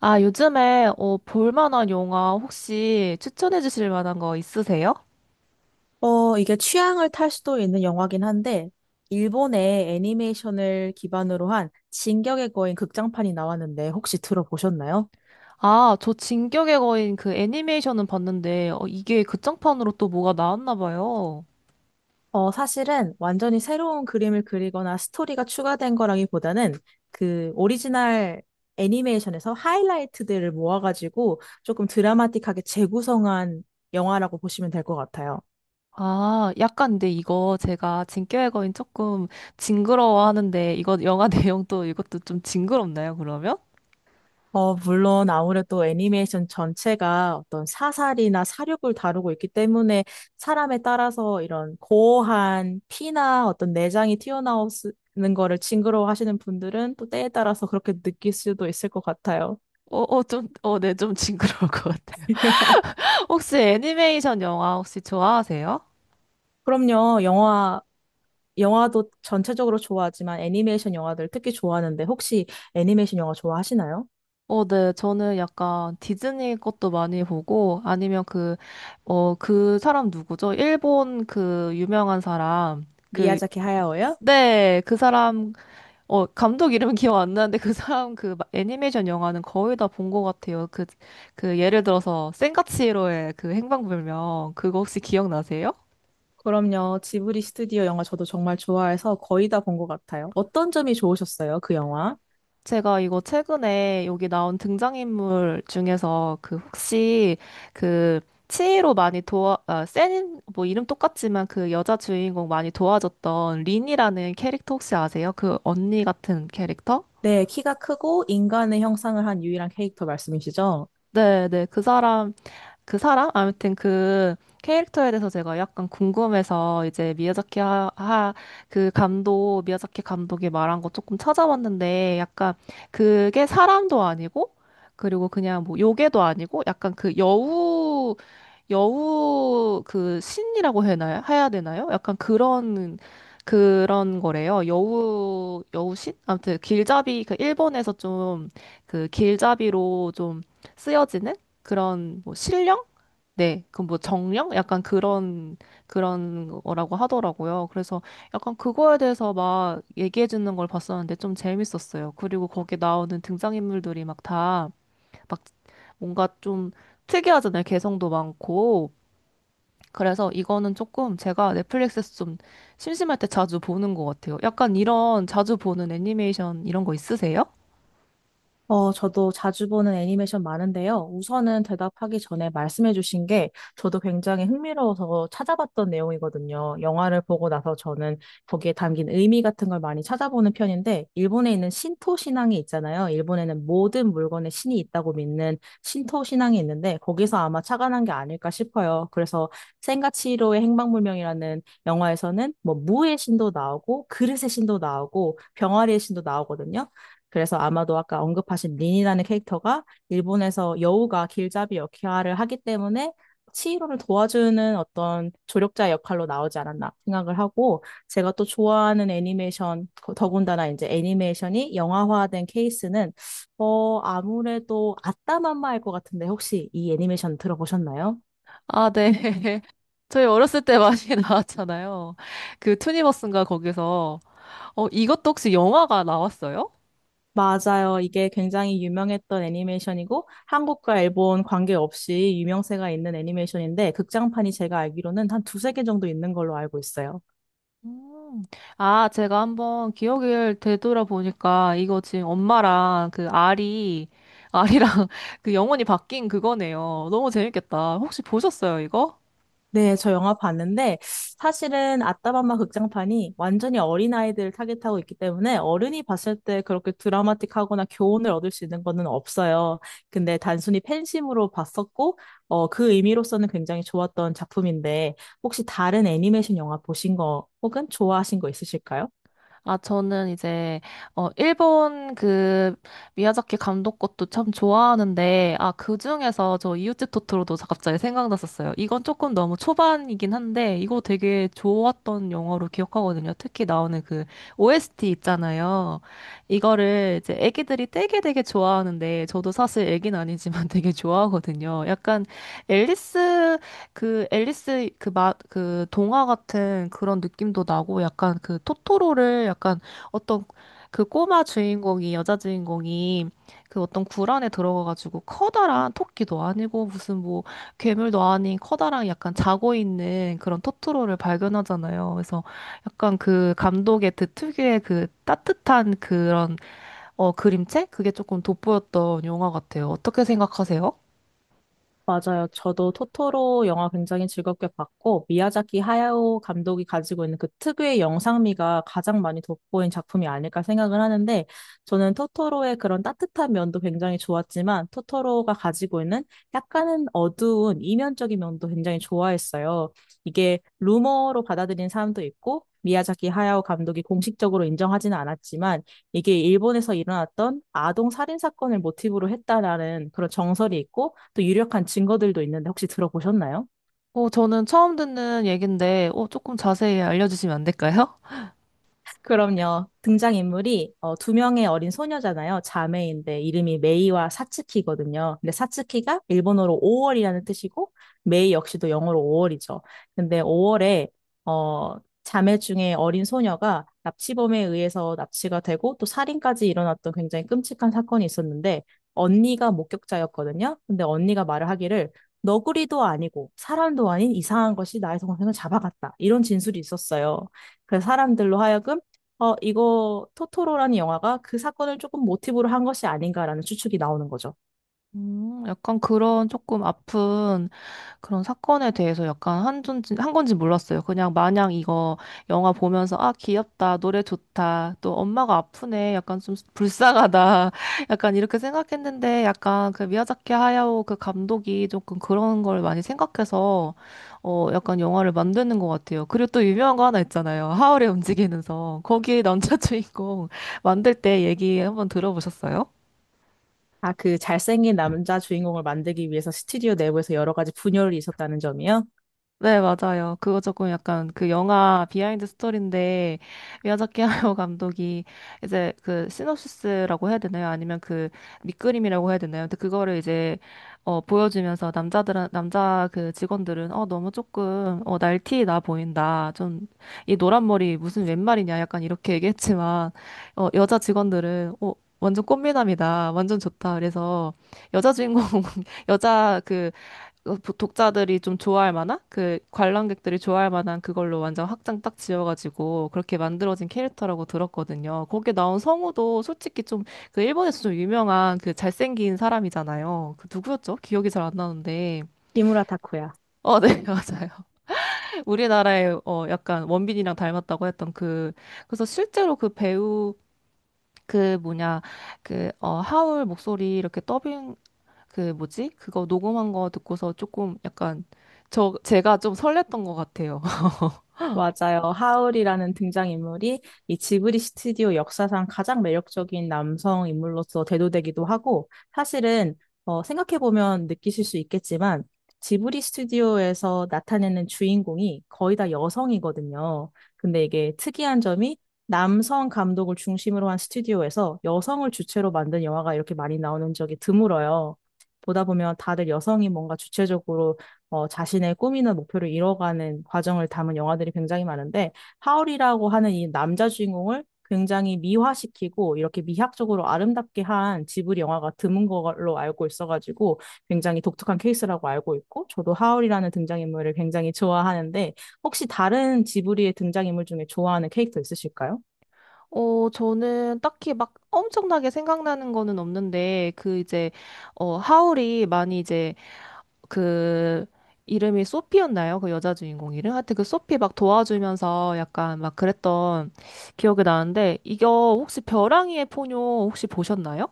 아, 요즘에 볼 만한 영화 혹시 추천해 주실 만한 거 있으세요? 이게 취향을 탈 수도 있는 영화긴 한데, 일본의 애니메이션을 기반으로 한 진격의 거인 극장판이 나왔는데 혹시 들어보셨나요? 아, 저 진격의 거인 그 애니메이션은 봤는데 이게 극장판으로 또 뭐가 나왔나 봐요. 사실은 완전히 새로운 그림을 그리거나 스토리가 추가된 거라기보다는 그 오리지널 애니메이션에서 하이라이트들을 모아가지고 조금 드라마틱하게 재구성한 영화라고 보시면 될 것 같아요. 아, 약간 근데 이거 제가 진격의 거인 조금 징그러워하는데 이거 영화 내용도 이것도 좀 징그럽나요, 그러면? 물론 아무래도 애니메이션 전체가 어떤 사살이나 살육을 다루고 있기 때문에 사람에 따라서 이런 고어한 피나 어떤 내장이 튀어나오는 거를 징그러워하시는 분들은 또 때에 따라서 그렇게 느낄 수도 있을 것 같아요. 네, 좀 징그러울 것 같아요. 혹시 애니메이션 영화 혹시 좋아하세요? 그럼요, 영화도 전체적으로 좋아하지만 애니메이션 영화들 특히 좋아하는데 혹시 애니메이션 영화 좋아하시나요? 어, 네. 저는 약간 디즈니 것도 많이 보고, 아니면 그 사람 누구죠? 일본 그 유명한 사람. 그, 미야자키 하야오요? 네. 그 사람, 감독 이름은 기억 안 나는데 그 사람 그 애니메이션 영화는 거의 다 본 것 같아요. 그, 그 예를 들어서 센과 치히로의 그 행방불명. 그거 혹시 기억나세요? 그럼요. 지브리 스튜디오 영화 저도 정말 좋아해서 거의 다 본 것 같아요. 어떤 점이 좋으셨어요, 그 영화? 제가 이거 최근에 여기 나온 등장인물 중에서 그 혹시 그 치이로 많이 도와, 아, 센, 뭐 이름 똑같지만 그 여자 주인공 많이 도와줬던 린이라는 캐릭터 혹시 아세요? 그 언니 같은 캐릭터? 네, 키가 크고 인간의 형상을 한 유일한 캐릭터 말씀이시죠? 네, 네. 그 사람? 아무튼 그 캐릭터에 대해서 제가 약간 궁금해서 이제 그 감독, 미야자키 감독이 말한 거 조금 찾아봤는데 약간 그게 사람도 아니고 그리고 그냥 뭐 요괴도 아니고 약간 그 여우 그 신이라고 해나요? 해야 되나요? 약간 그런 거래요. 여우신? 아무튼 길잡이 그 일본에서 좀 그 길잡이로 좀 쓰여지는 그런 뭐 신령? 네, 그 뭐 정령? 약간 그런 거라고 하더라고요. 그래서 약간 그거에 대해서 막 얘기해 주는 걸 봤었는데 좀 재밌었어요. 그리고 거기 나오는 등장인물들이 막 다 막 뭔가 좀 특이하잖아요. 개성도 많고. 그래서 이거는 조금 제가 넷플릭스에서 좀 심심할 때 자주 보는 것 같아요. 약간 이런 자주 보는 애니메이션 이런 거 있으세요? 저도 자주 보는 애니메이션 많은데요. 우선은 대답하기 전에 말씀해주신 게 저도 굉장히 흥미로워서 찾아봤던 내용이거든요. 영화를 보고 나서 저는 거기에 담긴 의미 같은 걸 많이 찾아보는 편인데, 일본에 있는 신토 신앙이 있잖아요. 일본에는 모든 물건에 신이 있다고 믿는 신토 신앙이 있는데, 거기서 아마 착안한 게 아닐까 싶어요. 그래서 센과치히로의 행방불명이라는 영화에서는 뭐 무의 신도 나오고, 그릇의 신도 나오고, 병아리의 신도 나오거든요. 그래서 아마도 아까 언급하신 린이라는 캐릭터가 일본에서 여우가 길잡이 역할을 하기 때문에 치히로를 도와주는 어떤 조력자 역할로 나오지 않았나 생각을 하고 제가 또 좋아하는 애니메이션 더군다나 이제 애니메이션이 영화화된 케이스는 아무래도 아따맘마일 것 같은데 혹시 이 애니메이션 들어보셨나요? 아, 네. 저희 어렸을 때 많이 나왔잖아요. 그 투니버스인가 거기서. 어, 이것도 혹시 영화가 나왔어요? 맞아요. 이게 굉장히 유명했던 애니메이션이고 한국과 일본 관계없이 유명세가 있는 애니메이션인데 극장판이 제가 알기로는 한 두세 개 정도 있는 걸로 알고 있어요. 음. 아, 제가 한번 기억을 되돌아보니까 이거 지금 엄마랑 그 알이랑 그 영혼이 바뀐 그거네요. 너무 재밌겠다. 혹시 보셨어요, 이거? 네, 저 영화 봤는데 사실은 아따맘마 극장판이 완전히 어린아이들을 타겟하고 있기 때문에 어른이 봤을 때 그렇게 드라마틱하거나 교훈을 얻을 수 있는 거는 없어요. 근데 단순히 팬심으로 봤었고 그 의미로서는 굉장히 좋았던 작품인데 혹시 다른 애니메이션 영화 보신 거 혹은 좋아하신 거 있으실까요? 아, 저는 일본 그, 미야자키 감독 것도 참 좋아하는데, 아, 그 중에서 저 이웃집 토토로도 갑자기 생각났었어요. 이건 조금 너무 초반이긴 한데, 이거 되게 좋았던 영화로 기억하거든요. 특히 나오는 그, OST 있잖아요. 이거를 이제 애기들이 되게 좋아하는데, 저도 사실 애긴 아니지만 되게 좋아하거든요. 약간 앨리스 그 앨리스 그 동화 같은 그런 느낌도 나고 약간 그 토토로를 약간 어떤 그 꼬마 주인공이 여자 주인공이 그 어떤 굴 안에 들어가가지고 커다란 토끼도 아니고 무슨 뭐 괴물도 아닌 커다란 약간 자고 있는 그런 토토로를 발견하잖아요. 그래서 약간 그 감독의 그 특유의 그 따뜻한 그런 그림체 그게 조금 돋보였던 영화 같아요. 어떻게 생각하세요? 맞아요. 저도 토토로 영화 굉장히 즐겁게 봤고, 미야자키 하야오 감독이 가지고 있는 그 특유의 영상미가 가장 많이 돋보인 작품이 아닐까 생각을 하는데, 저는 토토로의 그런 따뜻한 면도 굉장히 좋았지만, 토토로가 가지고 있는 약간은 어두운 이면적인 면도 굉장히 좋아했어요. 이게 루머로 받아들인 사람도 있고, 미야자키 하야오 감독이 공식적으로 인정하지는 않았지만, 이게 일본에서 일어났던 아동 살인 사건을 모티브로 했다라는 그런 정설이 있고 또 유력한 증거들도 있는데 혹시 들어보셨나요? 어, 저는 처음 듣는 얘긴데, 어, 조금 자세히 알려주시면 안 될까요? 그럼요. 등장인물이 어, 2명의 어린 소녀잖아요. 자매인데 이름이 메이와 사츠키거든요. 근데 사츠키가 일본어로 5월이라는 뜻이고 메이 역시도 영어로 5월이죠. 근데 5월에 어, 자매 중에 어린 소녀가 납치범에 의해서 납치가 되고 또 살인까지 일어났던 굉장히 끔찍한 사건이 있었는데 언니가 목격자였거든요. 근데 언니가 말을 하기를 너구리도 아니고 사람도 아닌 이상한 것이 나의 동생을 잡아갔다. 이런 진술이 있었어요. 그래서 사람들로 하여금 이거 토토로라는 영화가 그 사건을 조금 모티브로 한 것이 아닌가라는 추측이 나오는 거죠. 약간 그런 조금 아픈 그런 사건에 대해서 약간 한 건지, 한 건지 몰랐어요. 그냥 마냥 이거 영화 보면서, 아, 귀엽다, 노래 좋다, 또 엄마가 아프네, 약간 좀 불쌍하다, 약간 이렇게 생각했는데, 약간 그 미야자키 하야오 그 감독이 조금 그런 걸 많이 생각해서, 어, 약간 영화를 만드는 것 같아요. 그리고 또 유명한 거 하나 있잖아요. 하울의 움직이는 성. 거기에 남자 주인공 만들 때 얘기 한번 들어보셨어요? 아, 그 잘생긴 남자 주인공을 만들기 위해서 스튜디오 내부에서 여러 가지 분열이 있었다는 점이요? 네, 맞아요. 그거 조금 약간 그 영화 비하인드 스토리인데 미야자키 하야오 감독이 이제 그 시놉시스라고 해야 되나요? 아니면 그 밑그림이라고 해야 되나요? 근데 그거를 이제 보여주면서 남자 그 직원들은 너무 조금 날티 나 보인다. 좀 이 노란 머리 무슨 웬 말이냐 약간 이렇게 얘기했지만 여자 직원들은 완전 꽃미남이다. 완전 좋다. 그래서 여자 주인공 여자 그 어, 보- 독자들이 좀 좋아할 만한 그 관람객들이 좋아할 만한 그걸로 완전 확장 딱 지어가지고 그렇게 만들어진 캐릭터라고 들었거든요. 거기에 나온 성우도 솔직히 좀 그 일본에서 좀 유명한 그 잘생긴 사람이잖아요. 그 누구였죠? 기억이 잘 안 나는데. 히무라 타쿠야. 어, 네, 맞아요. 우리나라의 약간 원빈이랑 닮았다고 했던 그 그래서 실제로 그 배우 그 뭐냐 그 하울 목소리 이렇게 그 뭐지? 그거 녹음한 거 듣고서 조금 약간 제가 좀 설렜던 것 같아요. 맞아요. 하울이라는 등장인물이 이 지브리 스튜디오 역사상 가장 매력적인 남성 인물로서 대도되기도 하고, 사실은, 생각해보면 느끼실 수 있겠지만, 지브리 스튜디오에서 나타내는 주인공이 거의 다 여성이거든요. 근데 이게 특이한 점이 남성 감독을 중심으로 한 스튜디오에서 여성을 주체로 만든 영화가 이렇게 많이 나오는 적이 드물어요. 보다 보면 다들 여성이 뭔가 주체적으로 자신의 꿈이나 목표를 이뤄가는 과정을 담은 영화들이 굉장히 많은데, 하울이라고 하는 이 남자 주인공을 굉장히 미화시키고 이렇게 미학적으로 아름답게 한 지브리 영화가 드문 걸로 알고 있어가지고 굉장히 독특한 케이스라고 알고 있고, 저도 하울이라는 등장인물을 굉장히 좋아하는데, 혹시 다른 지브리의 등장인물 중에 좋아하는 캐릭터 있으실까요? 어, 저는 딱히 막 엄청나게 생각나는 거는 없는데 그 이제 하울이 많이 이제 그 이름이 소피였나요? 그 여자 주인공 이름? 하여튼 그 소피 막 도와주면서 약간 막 그랬던 기억이 나는데 이거 혹시 벼랑이의 포뇨 혹시 보셨나요?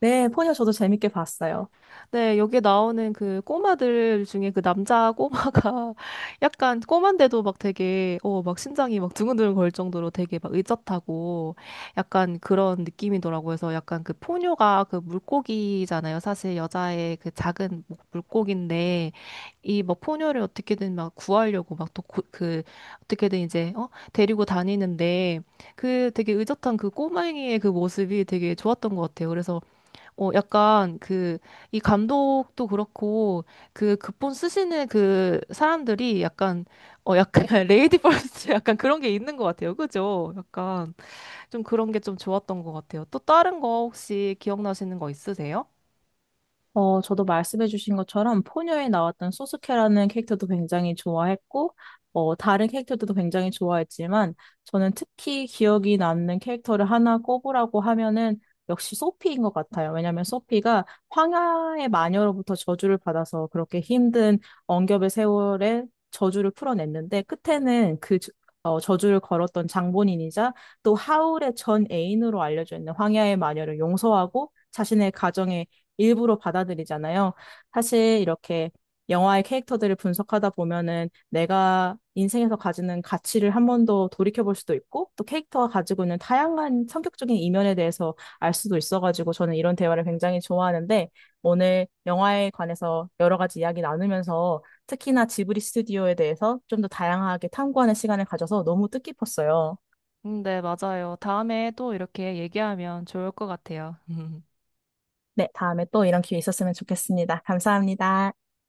네, 포니어 저도 재밌게 봤어요. 네, 여기에 나오는 그 꼬마들 중에 그 남자 꼬마가 약간 꼬만데도 막 되게, 어, 막 심장이 막 두근두근 걸 정도로 되게 막 의젓하고 약간 그런 느낌이더라고요. 그래서 약간 그 포뇨가 그 물고기잖아요. 사실 여자의 그 작은 뭐 물고기인데 이 막 포뇨를 어떻게든 막 구하려고 막 또 그 어떻게든 이제 데리고 다니는데 그 되게 의젓한 그 꼬맹이의 그 모습이 되게 좋았던 것 같아요. 그래서 약간 그, 이 감독도 그렇고, 그 극본 쓰시는 그 사람들이 약간, 약간 레이디 퍼스트 약간 그런 게 있는 것 같아요. 그죠? 약간 좀 그런 게 좀 좋았던 것 같아요. 또 다른 거 혹시 기억나시는 거 있으세요? 저도 말씀해주신 것처럼 포뇨에 나왔던 소스케라는 캐릭터도 굉장히 좋아했고, 다른 캐릭터들도 굉장히 좋아했지만, 저는 특히 기억이 남는 캐릭터를 하나 꼽으라고 하면은 역시 소피인 것 같아요. 왜냐하면 소피가 황야의 마녀로부터 저주를 받아서 그렇게 힘든 억압의 세월에 저주를 풀어냈는데, 끝에는 저주를 걸었던 장본인이자 또 하울의 전 애인으로 알려져 있는 황야의 마녀를 용서하고 자신의 가정에 일부러 받아들이잖아요. 사실 이렇게 영화의 캐릭터들을 분석하다 보면은 내가 인생에서 가지는 가치를 한 번 더 돌이켜볼 수도 있고 또 캐릭터가 가지고 있는 다양한 성격적인 이면에 대해서 알 수도 있어가지고 저는 이런 대화를 굉장히 좋아하는데 오늘 영화에 관해서 여러 가지 이야기 나누면서 특히나 지브리 스튜디오에 대해서 좀 더 다양하게 탐구하는 시간을 가져서 너무 뜻깊었어요. 네, 맞아요. 다음에 또 이렇게 얘기하면 좋을 것 같아요. 네, 다음에 또 이런 기회 있었으면 좋겠습니다. 감사합니다.